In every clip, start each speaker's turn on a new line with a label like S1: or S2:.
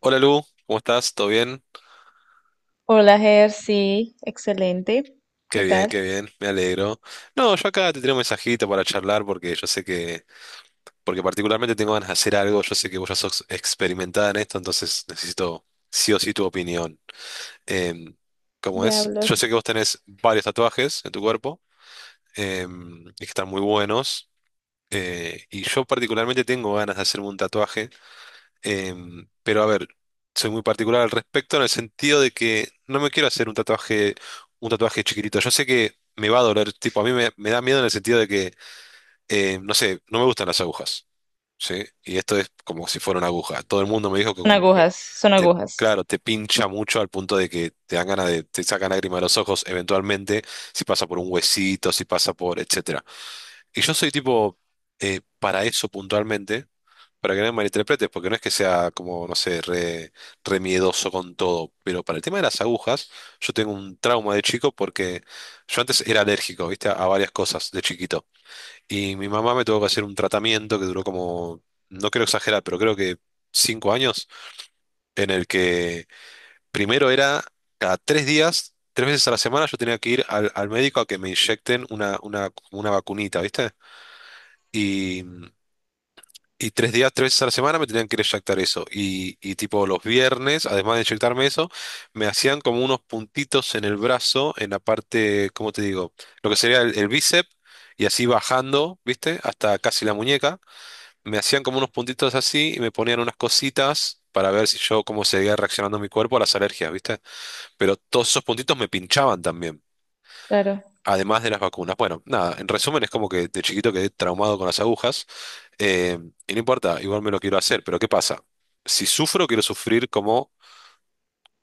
S1: Hola Lu, ¿cómo estás? ¿Todo bien?
S2: Hola, Ger, sí, excelente.
S1: Qué
S2: ¿Qué
S1: bien, qué
S2: tal?
S1: bien, me alegro. No, yo acá te tengo un mensajito para charlar porque yo sé que, porque particularmente tengo ganas de hacer algo, yo sé que vos ya sos experimentada en esto, entonces necesito sí o sí tu opinión. Em, ¿Cómo es?
S2: Diablos.
S1: Yo sé que vos tenés varios tatuajes en tu cuerpo, y que están muy buenos, y yo particularmente tengo ganas de hacerme un tatuaje. Pero a ver, soy muy particular al respecto en el sentido de que no me quiero hacer un tatuaje chiquitito. Yo sé que me va a doler, tipo, a me da miedo en el sentido de que, no sé, no me gustan las agujas, ¿sí? Y esto es como si fuera una aguja. Todo el mundo me dijo que
S2: Son
S1: como que
S2: agujas, son
S1: te,
S2: agujas.
S1: claro, te pincha mucho al punto de que te dan ganas de, te sacan lágrimas de los ojos eventualmente, si pasa por un huesito, si pasa por, etcétera. Y yo soy tipo, para eso puntualmente, para que no me malinterpretes, porque no es que sea como, no sé, re miedoso con todo, pero para el tema de las agujas, yo tengo un trauma de chico porque yo antes era alérgico, viste, a varias cosas de chiquito. Y mi mamá me tuvo que hacer un tratamiento que duró como, no quiero exagerar, pero creo que cinco años, en el que primero era cada tres días, tres veces a la semana, yo tenía que ir al, al médico a que me inyecten una vacunita, viste. Y tres días, tres veces a la semana me tenían que ir a inyectar eso. Y tipo los viernes, además de inyectarme eso, me hacían como unos puntitos en el brazo, en la parte, ¿cómo te digo? Lo que sería el bíceps, y así bajando, ¿viste? Hasta casi la muñeca. Me hacían como unos puntitos así y me ponían unas cositas para ver si yo cómo seguía reaccionando mi cuerpo a las alergias, ¿viste? Pero todos esos puntitos me pinchaban también,
S2: Claro,
S1: además de las vacunas. Bueno, nada, en resumen es como que de chiquito quedé traumado con las agujas. Eh, y no importa, igual me lo quiero hacer, pero ¿qué pasa? Si sufro, quiero sufrir como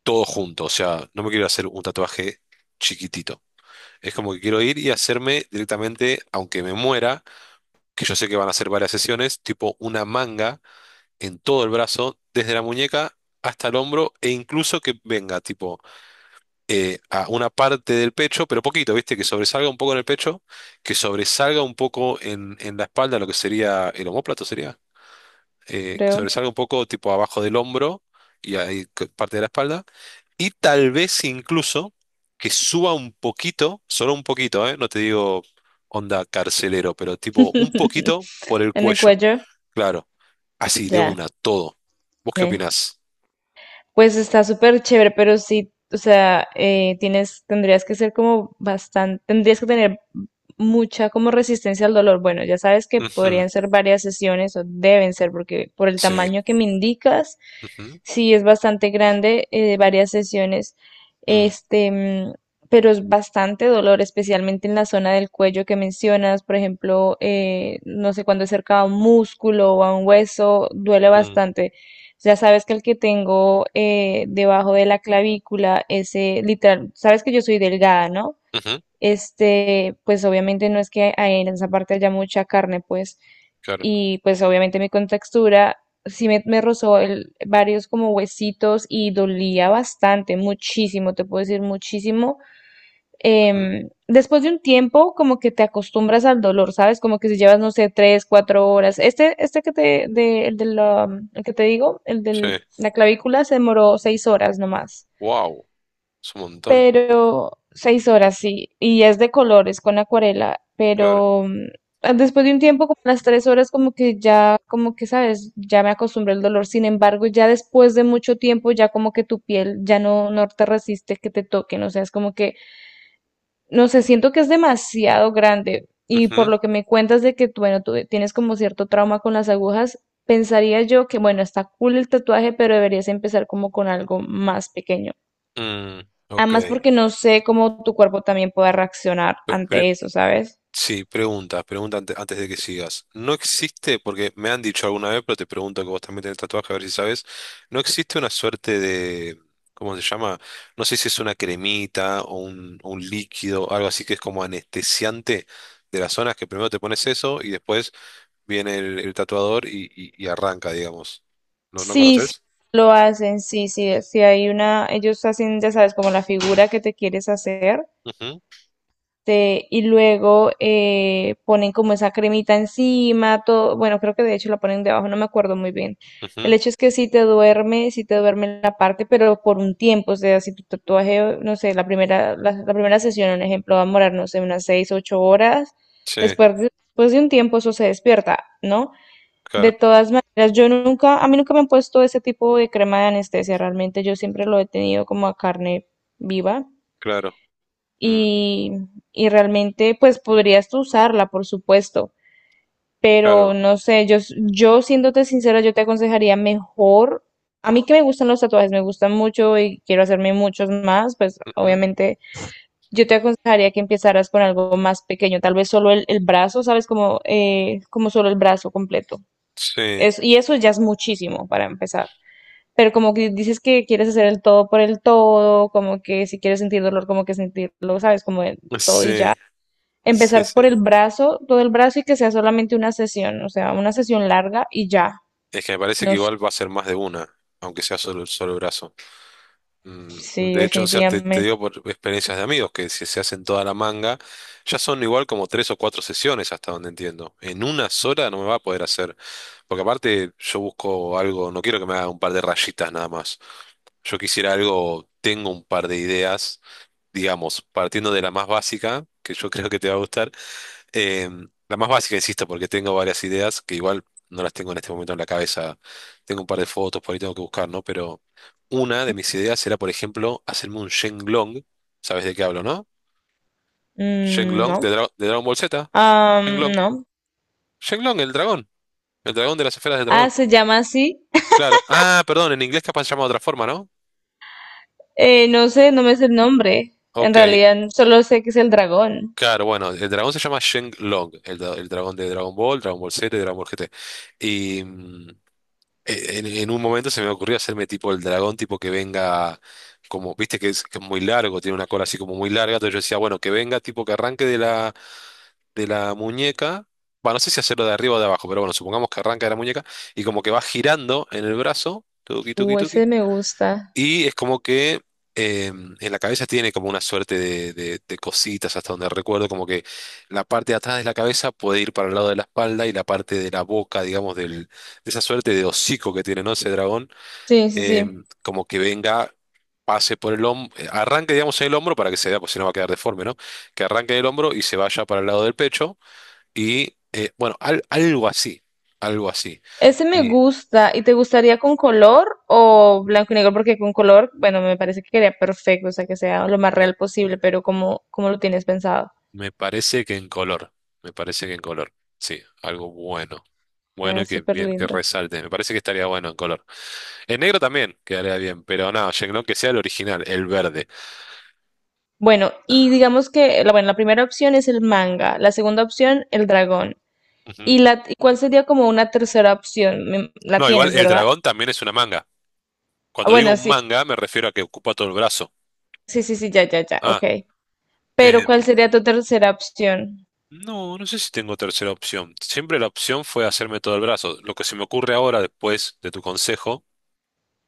S1: todo junto, o sea, no me quiero hacer un tatuaje chiquitito. Es como que quiero ir y hacerme directamente, aunque me muera, que yo sé que van a ser varias sesiones, tipo una manga en todo el brazo, desde la muñeca hasta el hombro, e incluso que venga, tipo, a una parte del pecho, pero poquito, ¿viste? Que sobresalga un poco en el pecho, que sobresalga un poco en la espalda, lo que sería el omóplato, ¿sería? Que
S2: creo.
S1: sobresalga un poco tipo abajo del hombro y ahí parte de la espalda. Y tal vez incluso que suba un poquito, solo un poquito, ¿eh? No te digo onda carcelero, pero tipo un poquito por el
S2: En el
S1: cuello,
S2: cuello,
S1: claro. Así, de
S2: ya.
S1: una, todo. ¿Vos qué
S2: Ne.
S1: opinás?
S2: Pues está súper chévere, pero sí, o sea, tienes, tendrías que tener mucha como resistencia al dolor. Bueno, ya sabes que
S1: Ujú.
S2: podrían ser varias sesiones o deben ser, porque por el
S1: Sí.
S2: tamaño que me indicas,
S1: Ujú.
S2: sí es bastante grande, varias sesiones,
S1: mm,
S2: este, pero es bastante dolor, especialmente en la zona del cuello que mencionas, por ejemplo, no sé, cuando es cerca a un músculo o a un hueso, duele
S1: mm,
S2: bastante. Ya sabes que el que tengo debajo de la clavícula, ese literal, sabes que yo soy delgada, ¿no?
S1: Ujú.
S2: Este, pues obviamente no es que hay en esa parte haya mucha carne, pues,
S1: Claro.
S2: y pues obviamente mi contextura sí me rozó varios como huesitos y dolía bastante, muchísimo, te puedo decir muchísimo
S1: Ujú.
S2: después de un tiempo, como que te acostumbras al dolor, ¿sabes? Como que si llevas, no sé, 3, 4 horas. Este, este que te, de, el de la, el que te digo, el
S1: Sí.
S2: de la clavícula, se demoró 6 horas nomás.
S1: Wow. Es un montón.
S2: Pero 6 horas, sí. Y es de colores, con acuarela.
S1: Claro.
S2: Pero después de un tiempo, como las 3 horas, como que ya, como que, ¿sabes? Ya me acostumbré al dolor. Sin embargo, ya después de mucho tiempo, ya como que tu piel ya no te resiste que te toquen. O sea, es como que no sé, siento que es demasiado grande y por
S1: Ujú.
S2: lo que me cuentas de que, tú, bueno, tú tienes como cierto trauma con las agujas, pensaría yo que, bueno, está cool el tatuaje, pero deberías empezar como con algo más pequeño.
S1: mm, ok.
S2: Además, porque no sé cómo tu cuerpo también pueda reaccionar
S1: Pre- pre-
S2: ante eso, ¿sabes?
S1: Sí, pregunta, antes de que sigas. No existe, porque me han dicho alguna vez, pero te pregunto que vos también tenés tatuaje, a ver si sabes. No existe una suerte de, ¿cómo se llama? No sé si es una cremita o un líquido, algo así que es como anestesiante de las zonas, que primero te pones eso y después viene el tatuador y, y arranca, digamos. ¿No, no
S2: Sí, sí,
S1: conoces?
S2: lo hacen, sí, sí, sí hay una, ellos hacen, ya sabes, como la figura que te quieres hacer.
S1: Ujú.
S2: Este, y luego ponen como esa cremita encima, todo, bueno, creo que de hecho la ponen debajo, no me acuerdo muy bien. El
S1: Ujú.
S2: hecho es que si te duerme, si te duerme en la parte, pero por un tiempo, o sea, si tu tatuaje, no sé, la primera sesión, un ejemplo, va a morar, no sé, unas 6, 8 horas,
S1: Sí,
S2: después de, después de un tiempo eso se despierta, ¿no? De
S1: claro,
S2: todas maneras, yo nunca, a mí nunca me han puesto ese tipo de crema de anestesia, realmente yo siempre lo he tenido como a carne viva
S1: claro. mm,
S2: y, y realmente pues podrías tú usarla, por supuesto, pero
S1: claro.
S2: no sé, yo, yo siéndote sincera, yo te aconsejaría mejor, a mí que me gustan los tatuajes, me gustan mucho y quiero hacerme muchos más, pues
S1: Ujú.
S2: obviamente yo te aconsejaría que empezaras con algo más pequeño, tal vez solo el brazo, ¿sabes? Como, como solo el brazo completo.
S1: Sí,
S2: Es, y eso ya es muchísimo para empezar. Pero como que dices que quieres hacer el todo por el todo, como que si quieres sentir dolor, como que sentirlo, ¿sabes? Como el todo y ya
S1: sí, sí,
S2: empezar
S1: sí.
S2: por el brazo, todo el brazo y que sea solamente una sesión, o sea, una sesión larga y ya.
S1: Es que me parece que
S2: No sé,
S1: igual va a ser más de una, aunque sea solo el solo brazo. Mm.
S2: sí,
S1: De hecho, o sea, te
S2: definitivamente.
S1: digo por experiencias de amigos que si se hacen toda la manga, ya son igual como tres o cuatro sesiones hasta donde entiendo. En una sola no me va a poder hacer, porque aparte yo busco algo, no quiero que me haga un par de rayitas nada más. Yo quisiera algo, tengo un par de ideas, digamos, partiendo de la más básica, que yo creo que te va a gustar. La más básica, insisto, porque tengo varias ideas que igual no las tengo en este momento en la cabeza. Tengo un par de fotos, por ahí tengo que buscar, ¿no? Pero una de mis ideas era, por ejemplo, hacerme un Shenlong. ¿Sabes de qué hablo, no?
S2: Mm,
S1: Shenlong
S2: no.
S1: de, de Dragon Ball Z.
S2: Am,
S1: Shenlong.
S2: no.
S1: Shenlong, el dragón. El dragón de las esferas del
S2: Ah,
S1: dragón.
S2: se llama así.
S1: Claro. Ah, perdón, en inglés capaz se llama de otra forma, ¿no?
S2: No sé, no me sé el nombre. En
S1: Ok.
S2: realidad, solo sé que es el dragón.
S1: Claro, bueno, el dragón se llama Shenlong, el, el dragón de Dragon Ball, Dragon Ball Z y Dragon Ball GT. En un momento se me ocurrió hacerme tipo el dragón, tipo que venga, como, viste que es muy largo, tiene una cola así como muy larga, entonces yo decía, bueno, que venga, tipo que arranque de la muñeca, bueno, no sé si hacerlo de arriba o de abajo, pero bueno, supongamos que arranca de la muñeca y como que va girando en el brazo, tuki, tuki,
S2: Ese
S1: tuki,
S2: me gusta.
S1: y es como que en la cabeza tiene como una suerte de, de cositas, hasta donde recuerdo, como que la parte de atrás de la cabeza puede ir para el lado de la espalda y la parte de la boca, digamos, del, de esa suerte de hocico que tiene, ¿no? Ese dragón,
S2: Sí, sí,
S1: eh,
S2: sí.
S1: como que venga, pase por el hombro, arranque, digamos, en el hombro para que se vea, pues si no va a quedar deforme, ¿no? Que arranque en el hombro y se vaya para el lado del pecho y, bueno, algo así, algo así.
S2: Ese me
S1: Y
S2: gusta. ¿Y te gustaría con color o blanco y negro? Porque con color, bueno, me parece que quedaría perfecto, o sea, que sea lo más real posible, pero cómo lo tienes pensado?
S1: me parece que en color, me parece que en color, sí, algo bueno, bueno
S2: Eh,
S1: y que
S2: súper
S1: bien, que
S2: lindo.
S1: resalte, me parece que estaría bueno en color. En negro también quedaría bien, pero no, Shenlong que sea el original, el verde.
S2: Bueno, y digamos que, bueno, la primera opción es el manga, la segunda opción el dragón.
S1: Ujú.
S2: ¿Y y cuál sería como una tercera opción? La
S1: No, igual
S2: tienes,
S1: el
S2: ¿verdad?
S1: dragón también es una manga.
S2: Ah,
S1: Cuando digo
S2: bueno,
S1: un
S2: sí,
S1: manga me refiero a que ocupa todo el brazo.
S2: sí, sí, sí, ya, ya, ya,
S1: Ah,
S2: ok. Pero
S1: eh,
S2: ¿cuál sería tu tercera opción?
S1: no, no sé si tengo tercera opción. Siempre la opción fue hacerme todo el brazo. Lo que se me ocurre ahora, después de tu consejo,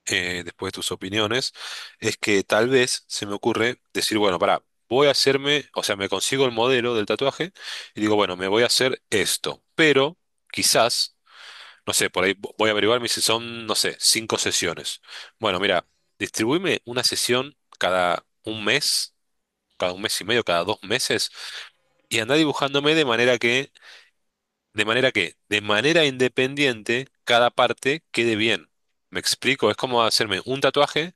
S1: después de tus opiniones, es que tal vez se me ocurre decir, bueno, pará, voy a hacerme, o sea, me consigo el modelo del tatuaje y digo, bueno, me voy a hacer esto, pero quizás, no sé, por ahí voy a averiguar, me dice, son, no sé, cinco sesiones. Bueno, mira, distribuíme una sesión cada un mes y medio, cada dos meses, y andá dibujándome de manera que, de manera que, de manera independiente, cada parte quede bien. Me explico, es como hacerme un tatuaje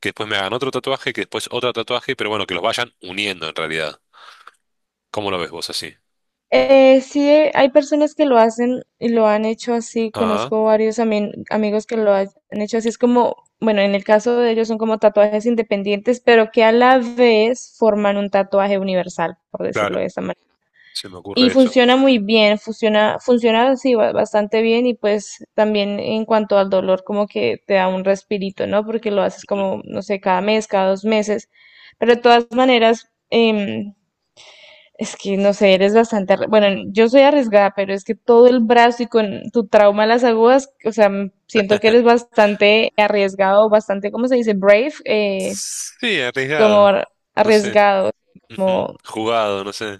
S1: que después me hagan otro tatuaje, que después otro tatuaje, pero bueno, que los vayan uniendo en realidad. ¿Cómo lo ves vos así?
S2: Sí, hay personas que lo hacen y lo han hecho así.
S1: Ah,
S2: Conozco varios amigos que han hecho así. Es como, bueno, en el caso de ellos son como tatuajes independientes, pero que a la vez forman un tatuaje universal, por
S1: claro,
S2: decirlo de esta manera.
S1: se me
S2: Y
S1: ocurre eso.
S2: funciona muy bien, funciona así bastante bien y pues también en cuanto al dolor como que te da un respirito, ¿no? Porque lo haces
S1: Ujú.
S2: como, no sé, cada mes, cada 2 meses. Pero de todas maneras, es que no sé, eres bastante, bueno, yo soy arriesgada, pero es que todo el brazo y con tu trauma de las agujas, o sea, siento que eres bastante arriesgado, bastante, ¿cómo se dice? Brave,
S1: Sí,
S2: como
S1: arriesgado, no sé.
S2: arriesgado,
S1: Ujú.
S2: como
S1: Jugado, no sé.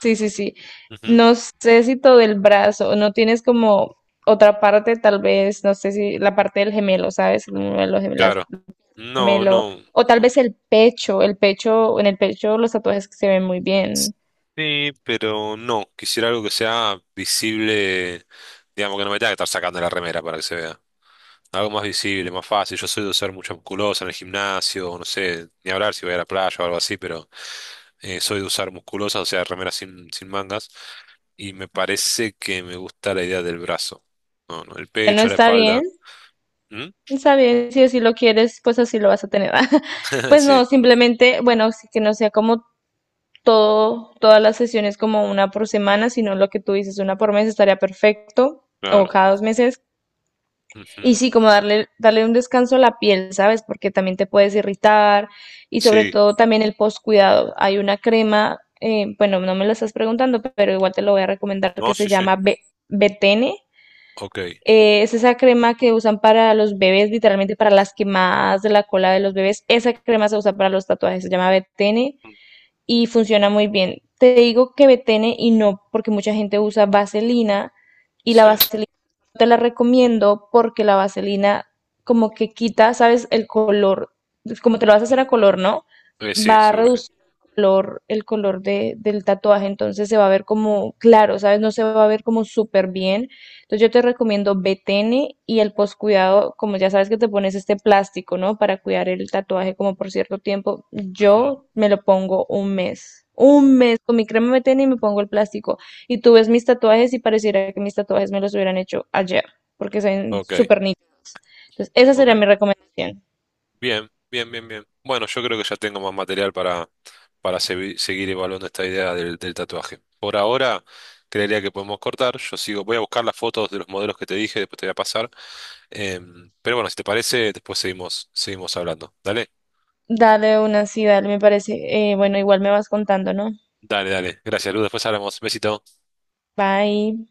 S2: sí, sí, sí.
S1: Ujú.
S2: No sé si todo el brazo, no tienes como otra parte, tal vez, no sé si la parte del gemelo, ¿sabes? El
S1: Claro. No,
S2: gemelo,
S1: no,
S2: o tal
S1: no.
S2: vez el pecho, en el pecho los tatuajes que se ven muy bien.
S1: Sí, pero no. Quisiera algo que sea visible, digamos que no me tenga que estar sacando la remera para que se vea. Algo más visible, más fácil. Yo soy de usar mucha musculosa en el gimnasio, no sé, ni hablar si voy a la playa o algo así, pero soy de usar musculosas o sea, remeras sin, sin mangas. Y me parece que me gusta la idea del brazo. No, no, el
S2: Bueno,
S1: pecho, la espalda. ¿Mm?
S2: está bien, si así lo quieres, pues así lo vas a tener. Pues
S1: Sí,
S2: no, simplemente, bueno, sí que no sea como todas las sesiones como una por semana, sino lo que tú dices, una por mes estaría perfecto, o
S1: claro.
S2: cada 2 meses.
S1: Ujú.
S2: Y sí, como darle un descanso a la piel, ¿sabes? Porque también te puedes irritar y sobre
S1: Sí,
S2: todo también el postcuidado. Hay una crema, bueno, no me lo estás preguntando, pero igual te lo voy a recomendar
S1: no,
S2: que se
S1: sí, sí.
S2: llama Betene.
S1: Ok.
S2: Es esa crema que usan para los bebés, literalmente para las quemadas de la cola de los bebés. Esa crema se usa para los tatuajes, se llama Betene y funciona muy bien. Te digo que betene y no, porque mucha gente usa vaselina y la
S1: Sí.
S2: vaselina no te la recomiendo porque la vaselina como que quita, ¿sabes? El color, como te lo vas a hacer a
S1: Ujú.
S2: color, ¿no?
S1: Sí,
S2: Va a
S1: seguro que sí.
S2: reducir el color de, del tatuaje, entonces se va a ver como claro, ¿sabes? No se va a ver como súper bien. Entonces yo te recomiendo BTN y el postcuidado, como ya sabes que te pones este plástico, ¿no? Para cuidar el tatuaje como por cierto tiempo.
S1: Ujú.
S2: Yo me lo pongo un mes. Un mes con mi crema BTN y me pongo el plástico. Y tú ves mis tatuajes y pareciera que mis tatuajes me los hubieran hecho ayer, porque son
S1: Ok,
S2: súper nítidos. Entonces esa sería
S1: ok.
S2: mi recomendación.
S1: Bien, bien, bien, bien. Bueno, yo creo que ya tengo más material para, seguir evaluando esta idea del, del tatuaje. Por ahora, creería que podemos cortar. Yo sigo, voy a buscar las fotos de los modelos que te dije, después te voy a pasar. Pero bueno, si te parece, después seguimos, seguimos hablando. Dale,
S2: Dale una sí, dale, me parece. Bueno, igual me vas contando, ¿no?
S1: dale, dale. Gracias, Luz. Después hablamos. Besito.
S2: Bye.